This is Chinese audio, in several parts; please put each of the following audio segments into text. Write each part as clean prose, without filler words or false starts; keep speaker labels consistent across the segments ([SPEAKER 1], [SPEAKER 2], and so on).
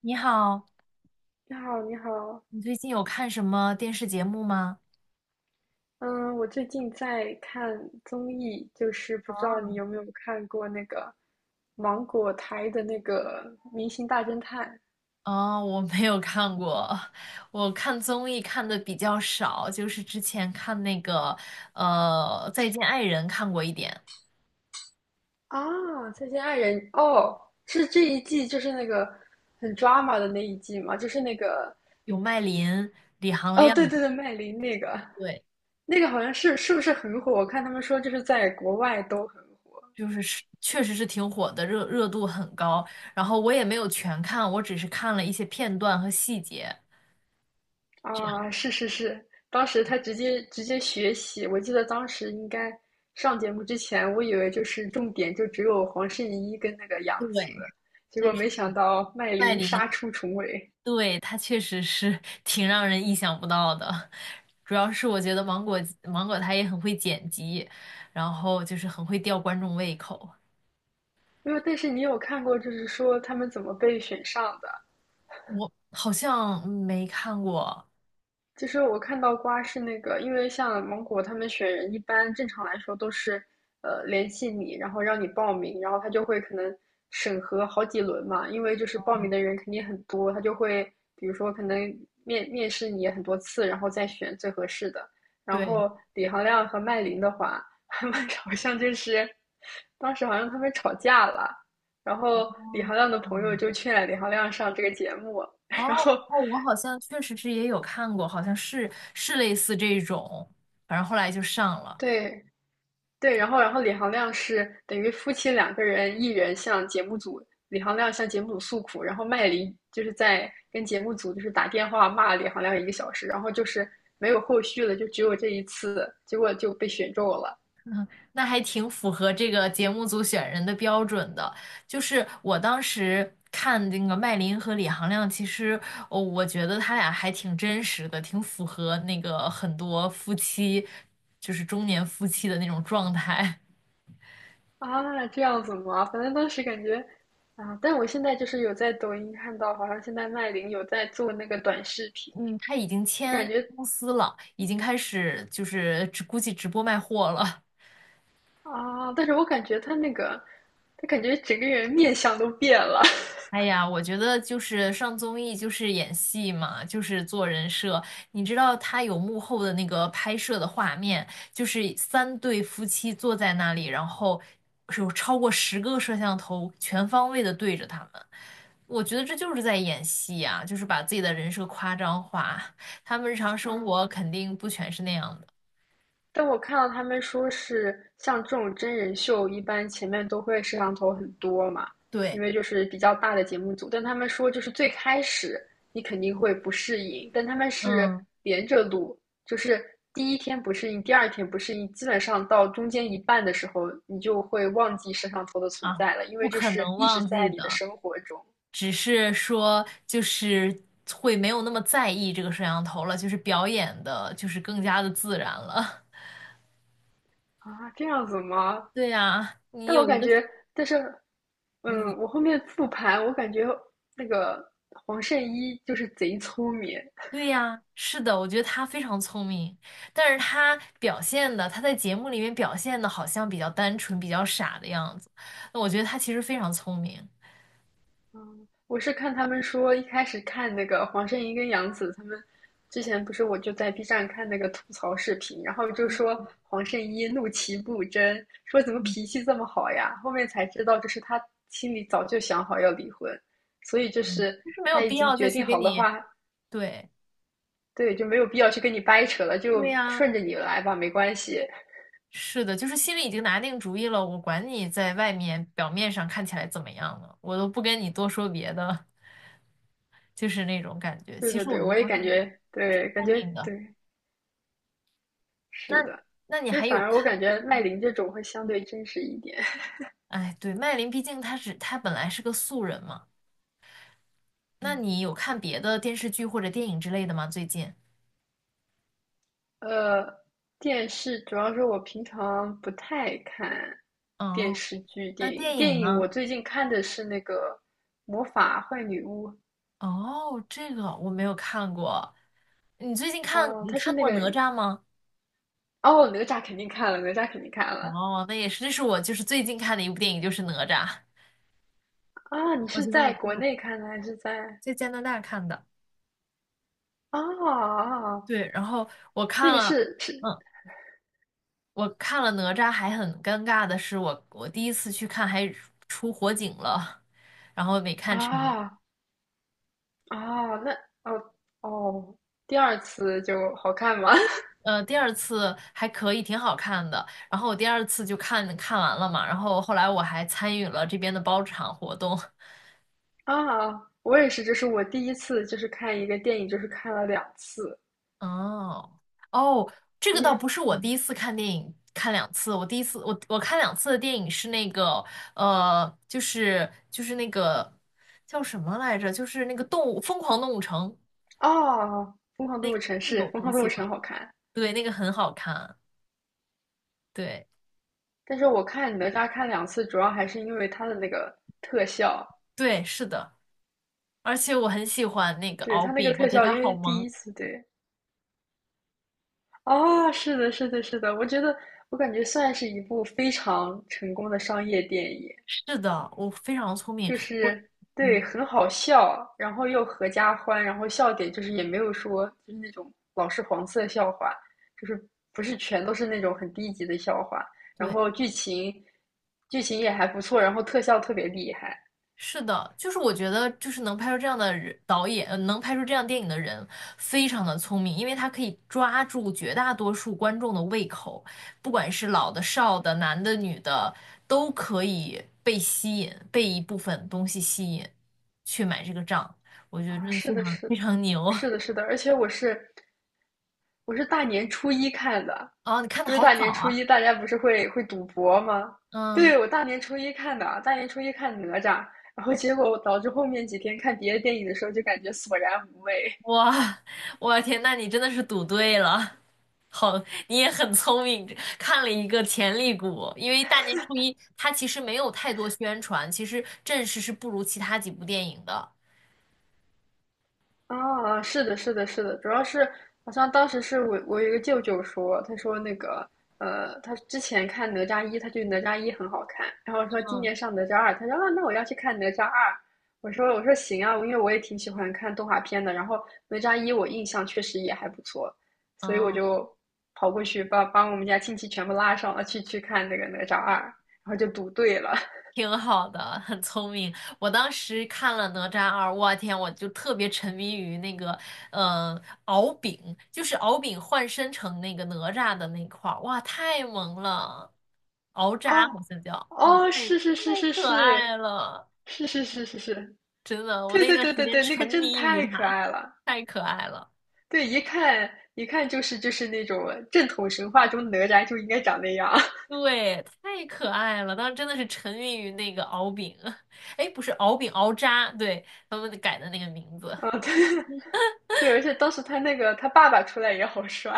[SPEAKER 1] 你好，
[SPEAKER 2] 你好，你好，
[SPEAKER 1] 你最近有看什么电视节目吗？
[SPEAKER 2] 嗯，我最近在看综艺，就是不知道你有没有看过那个芒果台的那个《明星大侦探》
[SPEAKER 1] 哦，我没有看过。我看综艺看的比较少，就是之前看那个《再见爱人》看过一点，
[SPEAKER 2] 啊，《再见爱人》哦，是这一季就是那个很 drama 的那一季嘛，就是那个
[SPEAKER 1] 有麦琳、李行
[SPEAKER 2] 哦，
[SPEAKER 1] 亮。
[SPEAKER 2] 对对对，麦琳那个
[SPEAKER 1] 对，
[SPEAKER 2] 那个好像是不是很火？我看他们说就是在国外都很火。
[SPEAKER 1] 就是确实是挺火的，热热度很高。然后我也没有全看，我只是看了一些片段和细节，这样。
[SPEAKER 2] 啊，是是是，当时他直接学习，我记得当时应该上节目之前，我以为就是重点就只有黄圣依跟那个杨
[SPEAKER 1] 对。
[SPEAKER 2] 紫，结果
[SPEAKER 1] 但是
[SPEAKER 2] 没想到麦
[SPEAKER 1] 麦
[SPEAKER 2] 琳
[SPEAKER 1] 琳，
[SPEAKER 2] 杀出重围。
[SPEAKER 1] 对，它确实是 挺让人意想不到的。主要是我觉得芒果它也很会剪辑，然后就是很会吊观众胃口。
[SPEAKER 2] 没有，但是你有看过就是说他们怎么被选上的？
[SPEAKER 1] 我好像没看过。
[SPEAKER 2] 其实我看到瓜是那个，因为像芒果他们选人，一般正常来说都是，联系你，然后让你报名，然后他就会可能审核好几轮嘛，因为就是报名的人肯定很多，他就会比如说可能面试你很多次，然后再选最合适的。然
[SPEAKER 1] 对。
[SPEAKER 2] 后李行亮和麦琳的话，他们 好像就是当时好像他们吵架了，然
[SPEAKER 1] 哦，
[SPEAKER 2] 后李行亮的朋友
[SPEAKER 1] 嗯，
[SPEAKER 2] 就劝李行亮上这个节目，然
[SPEAKER 1] 哦
[SPEAKER 2] 后
[SPEAKER 1] 哦，我好像确实是也有看过，好像是类似这种，反正后来就上了。
[SPEAKER 2] 对，对，然后李行亮是等于夫妻两个人，一人向节目组，李行亮向节目组诉苦，然后麦黎就是在跟节目组就是打电话骂李行亮1个小时，然后就是没有后续了，就只有这一次，结果就被选中了
[SPEAKER 1] 那还挺符合这个节目组选人的标准的。就是我当时看那个麦琳和李行亮，其实，哦，我觉得他俩还挺真实的，挺符合那个很多夫妻，就是中年夫妻的那种状态。
[SPEAKER 2] 啊，这样子吗？反正当时感觉啊，但我现在就是有在抖音看到，好像现在麦琳有在做那个短视频，
[SPEAKER 1] 嗯，他已经
[SPEAKER 2] 就感
[SPEAKER 1] 签
[SPEAKER 2] 觉
[SPEAKER 1] 公司了，已经开始就是直估计直播卖货了。
[SPEAKER 2] 啊，但是我感觉她那个，她感觉整个人面相都变了，
[SPEAKER 1] 哎呀，我觉得就是上综艺就是演戏嘛，就是做人设。你知道他有幕后的那个拍摄的画面，就是三对夫妻坐在那里，然后是有超过十个摄像头全方位的对着他们。我觉得这就是在演戏呀，就是把自己的人设夸张化。他们日常 生活肯
[SPEAKER 2] 嗯。
[SPEAKER 1] 定不全是那样的。
[SPEAKER 2] 但我看到他们说是像这种真人秀，一般前面都会摄像头很多嘛，因
[SPEAKER 1] 对。
[SPEAKER 2] 为就是比较大的节目组。但他们说就是最开始你肯定会不适应，但他们是
[SPEAKER 1] 嗯。
[SPEAKER 2] 连着录，就是第一天不适应，第二天不适应，基本上到中间一半的时候，你就会忘记摄像头的存
[SPEAKER 1] 啊，
[SPEAKER 2] 在了，因
[SPEAKER 1] 不
[SPEAKER 2] 为就
[SPEAKER 1] 可
[SPEAKER 2] 是
[SPEAKER 1] 能
[SPEAKER 2] 一直
[SPEAKER 1] 忘
[SPEAKER 2] 在
[SPEAKER 1] 记
[SPEAKER 2] 你的
[SPEAKER 1] 的。
[SPEAKER 2] 生活中
[SPEAKER 1] 只是说就是会没有那么在意这个摄像头了，就是表演的，就是更加的自然了。
[SPEAKER 2] 啊，这样子吗？
[SPEAKER 1] 对呀，你
[SPEAKER 2] 但我
[SPEAKER 1] 有一
[SPEAKER 2] 感
[SPEAKER 1] 个
[SPEAKER 2] 觉，但是，
[SPEAKER 1] 你。
[SPEAKER 2] 我后面复盘，我感觉那个黄圣依就是贼聪明。
[SPEAKER 1] 对呀，是的，我觉得他非常聪明，但是他表现的，他在节目里面表现的好像比较单纯、比较傻的样子，那我觉得他其实非常聪明。
[SPEAKER 2] 嗯，我是看他们说，一开始看那个黄圣依跟杨紫他们之前不是，我就在 B 站看那个吐槽视频，然后就说黄圣依怒其不争，说怎么脾气这么好呀？后面才知道，就是他心里早就想好要离婚，所以就
[SPEAKER 1] 嗯，
[SPEAKER 2] 是
[SPEAKER 1] 就是没有
[SPEAKER 2] 他已
[SPEAKER 1] 必
[SPEAKER 2] 经
[SPEAKER 1] 要再
[SPEAKER 2] 决
[SPEAKER 1] 去
[SPEAKER 2] 定
[SPEAKER 1] 给
[SPEAKER 2] 好的
[SPEAKER 1] 你。
[SPEAKER 2] 话，
[SPEAKER 1] 对。
[SPEAKER 2] 对，就没有必要去跟你掰扯了，就
[SPEAKER 1] 对呀，
[SPEAKER 2] 顺着你来吧，没关系。
[SPEAKER 1] 是的，就是心里已经拿定主意了，我管你在外面表面上看起来怎么样呢，我都不跟你多说别的，就是那种感觉。
[SPEAKER 2] 对
[SPEAKER 1] 其
[SPEAKER 2] 对
[SPEAKER 1] 实我
[SPEAKER 2] 对，
[SPEAKER 1] 觉得
[SPEAKER 2] 我也
[SPEAKER 1] 黄
[SPEAKER 2] 感
[SPEAKER 1] 圣依
[SPEAKER 2] 觉，
[SPEAKER 1] 挺
[SPEAKER 2] 对，感
[SPEAKER 1] 聪
[SPEAKER 2] 觉
[SPEAKER 1] 明的。
[SPEAKER 2] 对，是
[SPEAKER 1] 那
[SPEAKER 2] 的。
[SPEAKER 1] 那你
[SPEAKER 2] 其实
[SPEAKER 1] 还有
[SPEAKER 2] 反而我感
[SPEAKER 1] 看？
[SPEAKER 2] 觉麦琳这种会相对真实一点。
[SPEAKER 1] 哎，对，麦琳，毕竟她是她本来是个素人嘛。那
[SPEAKER 2] 嗯
[SPEAKER 1] 你有看别的电视剧或者电影之类的吗？最近？
[SPEAKER 2] 呃，电视主要是我平常不太看电
[SPEAKER 1] 哦，
[SPEAKER 2] 视剧、
[SPEAKER 1] 那
[SPEAKER 2] 电影。
[SPEAKER 1] 电影
[SPEAKER 2] 电影我
[SPEAKER 1] 呢？
[SPEAKER 2] 最近看的是那个《魔法坏女巫》，
[SPEAKER 1] 哦，这个我没有看过。你最近看
[SPEAKER 2] 哦，
[SPEAKER 1] 你
[SPEAKER 2] 它是
[SPEAKER 1] 看
[SPEAKER 2] 那
[SPEAKER 1] 过
[SPEAKER 2] 个
[SPEAKER 1] 哪吒吗？
[SPEAKER 2] 哦，哪吒肯定看了，哪吒肯定看了
[SPEAKER 1] 哦，那也是，这是我就是最近看的一部电影，就是哪吒。
[SPEAKER 2] 啊！你
[SPEAKER 1] 我
[SPEAKER 2] 是
[SPEAKER 1] 就没有
[SPEAKER 2] 在
[SPEAKER 1] 看
[SPEAKER 2] 国
[SPEAKER 1] 过，
[SPEAKER 2] 内看的还是在
[SPEAKER 1] 在加拿大看的。
[SPEAKER 2] 啊？啊啊
[SPEAKER 1] 对，然后我看
[SPEAKER 2] 那个
[SPEAKER 1] 了，
[SPEAKER 2] 是
[SPEAKER 1] 嗯，我看了哪吒，还很尴尬的是我，我第一次去看还出火警了。
[SPEAKER 2] 啊，哦，那哦哦，第二次就好看吗？
[SPEAKER 1] 第二次还可以，挺好看的。然后我第二次就看看完了嘛，然后后来我还参与了这边的包场活动。
[SPEAKER 2] 啊，我也是，这是我第一次，就是看一个电影，就是看了两次，
[SPEAKER 1] 哦，哦，这
[SPEAKER 2] 因
[SPEAKER 1] 个倒
[SPEAKER 2] 为
[SPEAKER 1] 不是我第
[SPEAKER 2] 嗯，
[SPEAKER 1] 一次看电影，看两次。我第一次我看两次的电影是那个就是那个叫什么来着？就是那个动物《疯狂动物城》，
[SPEAKER 2] 哦，
[SPEAKER 1] 那个那个我
[SPEAKER 2] 《疯
[SPEAKER 1] 很
[SPEAKER 2] 狂动
[SPEAKER 1] 喜
[SPEAKER 2] 物城》
[SPEAKER 1] 欢，
[SPEAKER 2] 好看，
[SPEAKER 1] 对，那个很好看。对，
[SPEAKER 2] 但是我看哪吒看两次，主要还是因为它的那个特效，
[SPEAKER 1] 对，是的，而且我很喜欢那个
[SPEAKER 2] 对，
[SPEAKER 1] 敖
[SPEAKER 2] 它那个
[SPEAKER 1] 丙，我
[SPEAKER 2] 特
[SPEAKER 1] 觉得
[SPEAKER 2] 效，
[SPEAKER 1] 他
[SPEAKER 2] 因
[SPEAKER 1] 好
[SPEAKER 2] 为第
[SPEAKER 1] 萌。
[SPEAKER 2] 一次对，哦，是的，是的，是的，我感觉算是一部非常成功的商业电影，
[SPEAKER 1] 是的，我非常聪明，
[SPEAKER 2] 就
[SPEAKER 1] 我，
[SPEAKER 2] 是对，
[SPEAKER 1] 嗯，
[SPEAKER 2] 很好笑，然后又合家欢，然后笑点就是也没有说就是那种老是黄色笑话，就是不是全都是那种很低级的笑话，然
[SPEAKER 1] 对。
[SPEAKER 2] 后剧情也还不错，然后特效特别厉害
[SPEAKER 1] 是的，就是我觉得，就是能拍出这样的人导演，能拍出这样电影的人，非常的聪明，因为他可以抓住绝大多数观众的胃口，不管是老的、少的、男的、女的，都可以被吸引，被一部分东西吸引，去买这个账。我觉得
[SPEAKER 2] 啊，
[SPEAKER 1] 真的
[SPEAKER 2] 是
[SPEAKER 1] 非
[SPEAKER 2] 的，
[SPEAKER 1] 常
[SPEAKER 2] 是
[SPEAKER 1] 非
[SPEAKER 2] 的，
[SPEAKER 1] 常牛。
[SPEAKER 2] 是的，是 的，而且我是大年初一看的，
[SPEAKER 1] 哦，你看的
[SPEAKER 2] 就是
[SPEAKER 1] 好
[SPEAKER 2] 大
[SPEAKER 1] 早
[SPEAKER 2] 年初一
[SPEAKER 1] 啊。
[SPEAKER 2] 大家不是会赌博吗？
[SPEAKER 1] 嗯。
[SPEAKER 2] 对，我大年初一看的，大年初一看哪吒，然后结果导致后面几天看别的电影的时候就感觉索然无味。
[SPEAKER 1] 哇，我天，那你真的是赌对了。好，你也很聪明，看了一个潜力股。因为大年初一它其实没有太多宣传，其实阵势是不如其他几部电影的。
[SPEAKER 2] 啊，哦是的，是的，是的，主要是好像当时是我有一个舅舅说，他说那个他之前看哪吒一，他觉得哪吒一很好看，然后说今
[SPEAKER 1] 嗯。
[SPEAKER 2] 年上哪吒二，他说啊，那我要去看哪吒二。我说行啊，因为我也挺喜欢看动画片的，然后哪吒一我印象确实也还不错，所以我
[SPEAKER 1] 嗯，
[SPEAKER 2] 就跑过去把我们家亲戚全部拉上了去看那个哪吒二，然后就赌对了，
[SPEAKER 1] 挺好的，很聪明。我当时看了《哪吒二》，我天，我就特别沉迷于那个，嗯、敖丙，就是敖丙换身成那个哪吒的那块儿，哇，太萌了，敖吒
[SPEAKER 2] 哦，
[SPEAKER 1] 好像叫，哦，
[SPEAKER 2] 哦，
[SPEAKER 1] 太
[SPEAKER 2] 是是是是
[SPEAKER 1] 可爱
[SPEAKER 2] 是，
[SPEAKER 1] 了。
[SPEAKER 2] 是是是是是，
[SPEAKER 1] 真的，我
[SPEAKER 2] 对
[SPEAKER 1] 那
[SPEAKER 2] 对
[SPEAKER 1] 段
[SPEAKER 2] 对
[SPEAKER 1] 时
[SPEAKER 2] 对
[SPEAKER 1] 间
[SPEAKER 2] 对，那
[SPEAKER 1] 沉
[SPEAKER 2] 个真的
[SPEAKER 1] 迷于
[SPEAKER 2] 太可
[SPEAKER 1] 他，
[SPEAKER 2] 爱了，
[SPEAKER 1] 太可爱了。
[SPEAKER 2] 对，一看一看就是那种正统神话中哪吒就应该长那样，
[SPEAKER 1] 对，太可爱了，当时真的是沉迷于那个敖丙。哎，不是敖丙，敖吒，对，他们改的那个名字。
[SPEAKER 2] 啊，对 对，而且当时他那个他爸爸出来也好帅，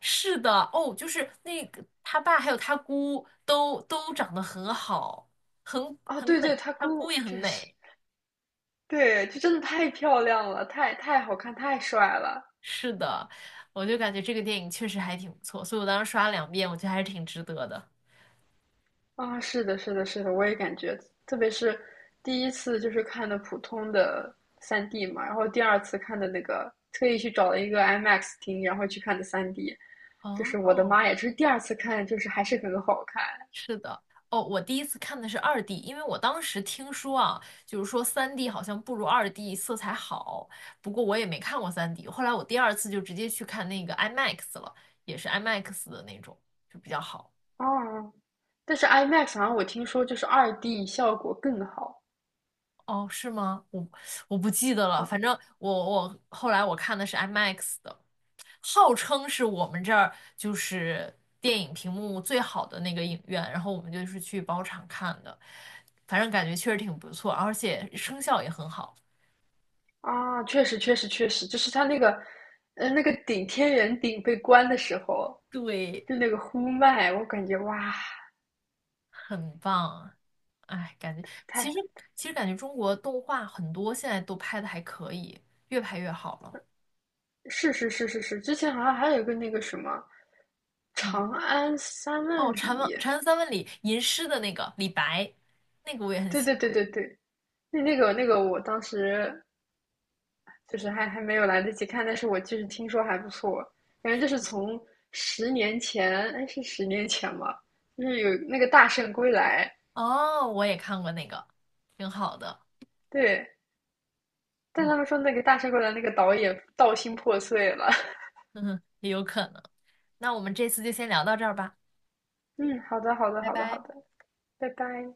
[SPEAKER 1] 是的，哦，就是那个他爸还有他姑都长得很好，很，
[SPEAKER 2] 哦，
[SPEAKER 1] 很
[SPEAKER 2] 对对，
[SPEAKER 1] 美，
[SPEAKER 2] 他
[SPEAKER 1] 他姑
[SPEAKER 2] 姑
[SPEAKER 1] 也很
[SPEAKER 2] 确实，
[SPEAKER 1] 美。
[SPEAKER 2] 对，就真的太漂亮了，太好看，太帅了。
[SPEAKER 1] 是的，我就感觉这个电影确实还挺不错，所以我当时刷了两遍，我觉得还是挺值得的。
[SPEAKER 2] 啊，是的，是的，是的，我也感觉，特别是第一次就是看的普通的三 d 嘛，然后第二次看的那个，特意去找了一个 IMAX 厅，然后去看的三 d 就是我的
[SPEAKER 1] 哦，
[SPEAKER 2] 妈呀，就是第二次看就是还是很好看
[SPEAKER 1] 是的，哦，我第一次看的是二 D,因为我当时听说啊，就是说三 D 好像不如二 D 色彩好，不过我也没看过三 D,后来我第二次就直接去看那个 IMAX 了，也是 IMAX 的那种，就比较好。
[SPEAKER 2] 哦。但是 IMAX 好像我听说就是2D 效果更好
[SPEAKER 1] 哦，是吗？我不记得了，
[SPEAKER 2] 啊
[SPEAKER 1] 反正我后来我看的是 IMAX 的，号称是我们这儿就是电影屏幕最好的那个影院，然后我们就是去包场看的，反正感觉确实挺不错，而且声效也很好。
[SPEAKER 2] 啊，确实确实确实，就是它那个那个顶天圆顶被关的时候，
[SPEAKER 1] 对，
[SPEAKER 2] 就那个呼麦，我感觉哇，
[SPEAKER 1] 很棒。哎，感觉其实
[SPEAKER 2] 太
[SPEAKER 1] 其实感觉中国动画很多现在都拍的还可以，越拍越好了。
[SPEAKER 2] 是是是是是，之前好像还有一个那个什么
[SPEAKER 1] 嗯，
[SPEAKER 2] 《长安三
[SPEAKER 1] 哦，
[SPEAKER 2] 万
[SPEAKER 1] 《禅问
[SPEAKER 2] 里》，
[SPEAKER 1] 禅问三问》里吟诗的那个李白，那个我也很
[SPEAKER 2] 对
[SPEAKER 1] 喜
[SPEAKER 2] 对
[SPEAKER 1] 欢。
[SPEAKER 2] 对对对，那个，我当时就是还没有来得及看，但是我就是听说还不错，反正就是从十年前，哎，是十年前吧，就是有那个《大圣归来》，
[SPEAKER 1] 哦，我也看过那个，挺好的。
[SPEAKER 2] 对，但
[SPEAKER 1] 嗯，
[SPEAKER 2] 他们说那个《大圣归来》那个导演道心破碎了。
[SPEAKER 1] 哼哼，也有可能。那我们这次就先聊到这儿吧，
[SPEAKER 2] 嗯，好的好的
[SPEAKER 1] 拜
[SPEAKER 2] 好的好
[SPEAKER 1] 拜。
[SPEAKER 2] 的，拜拜。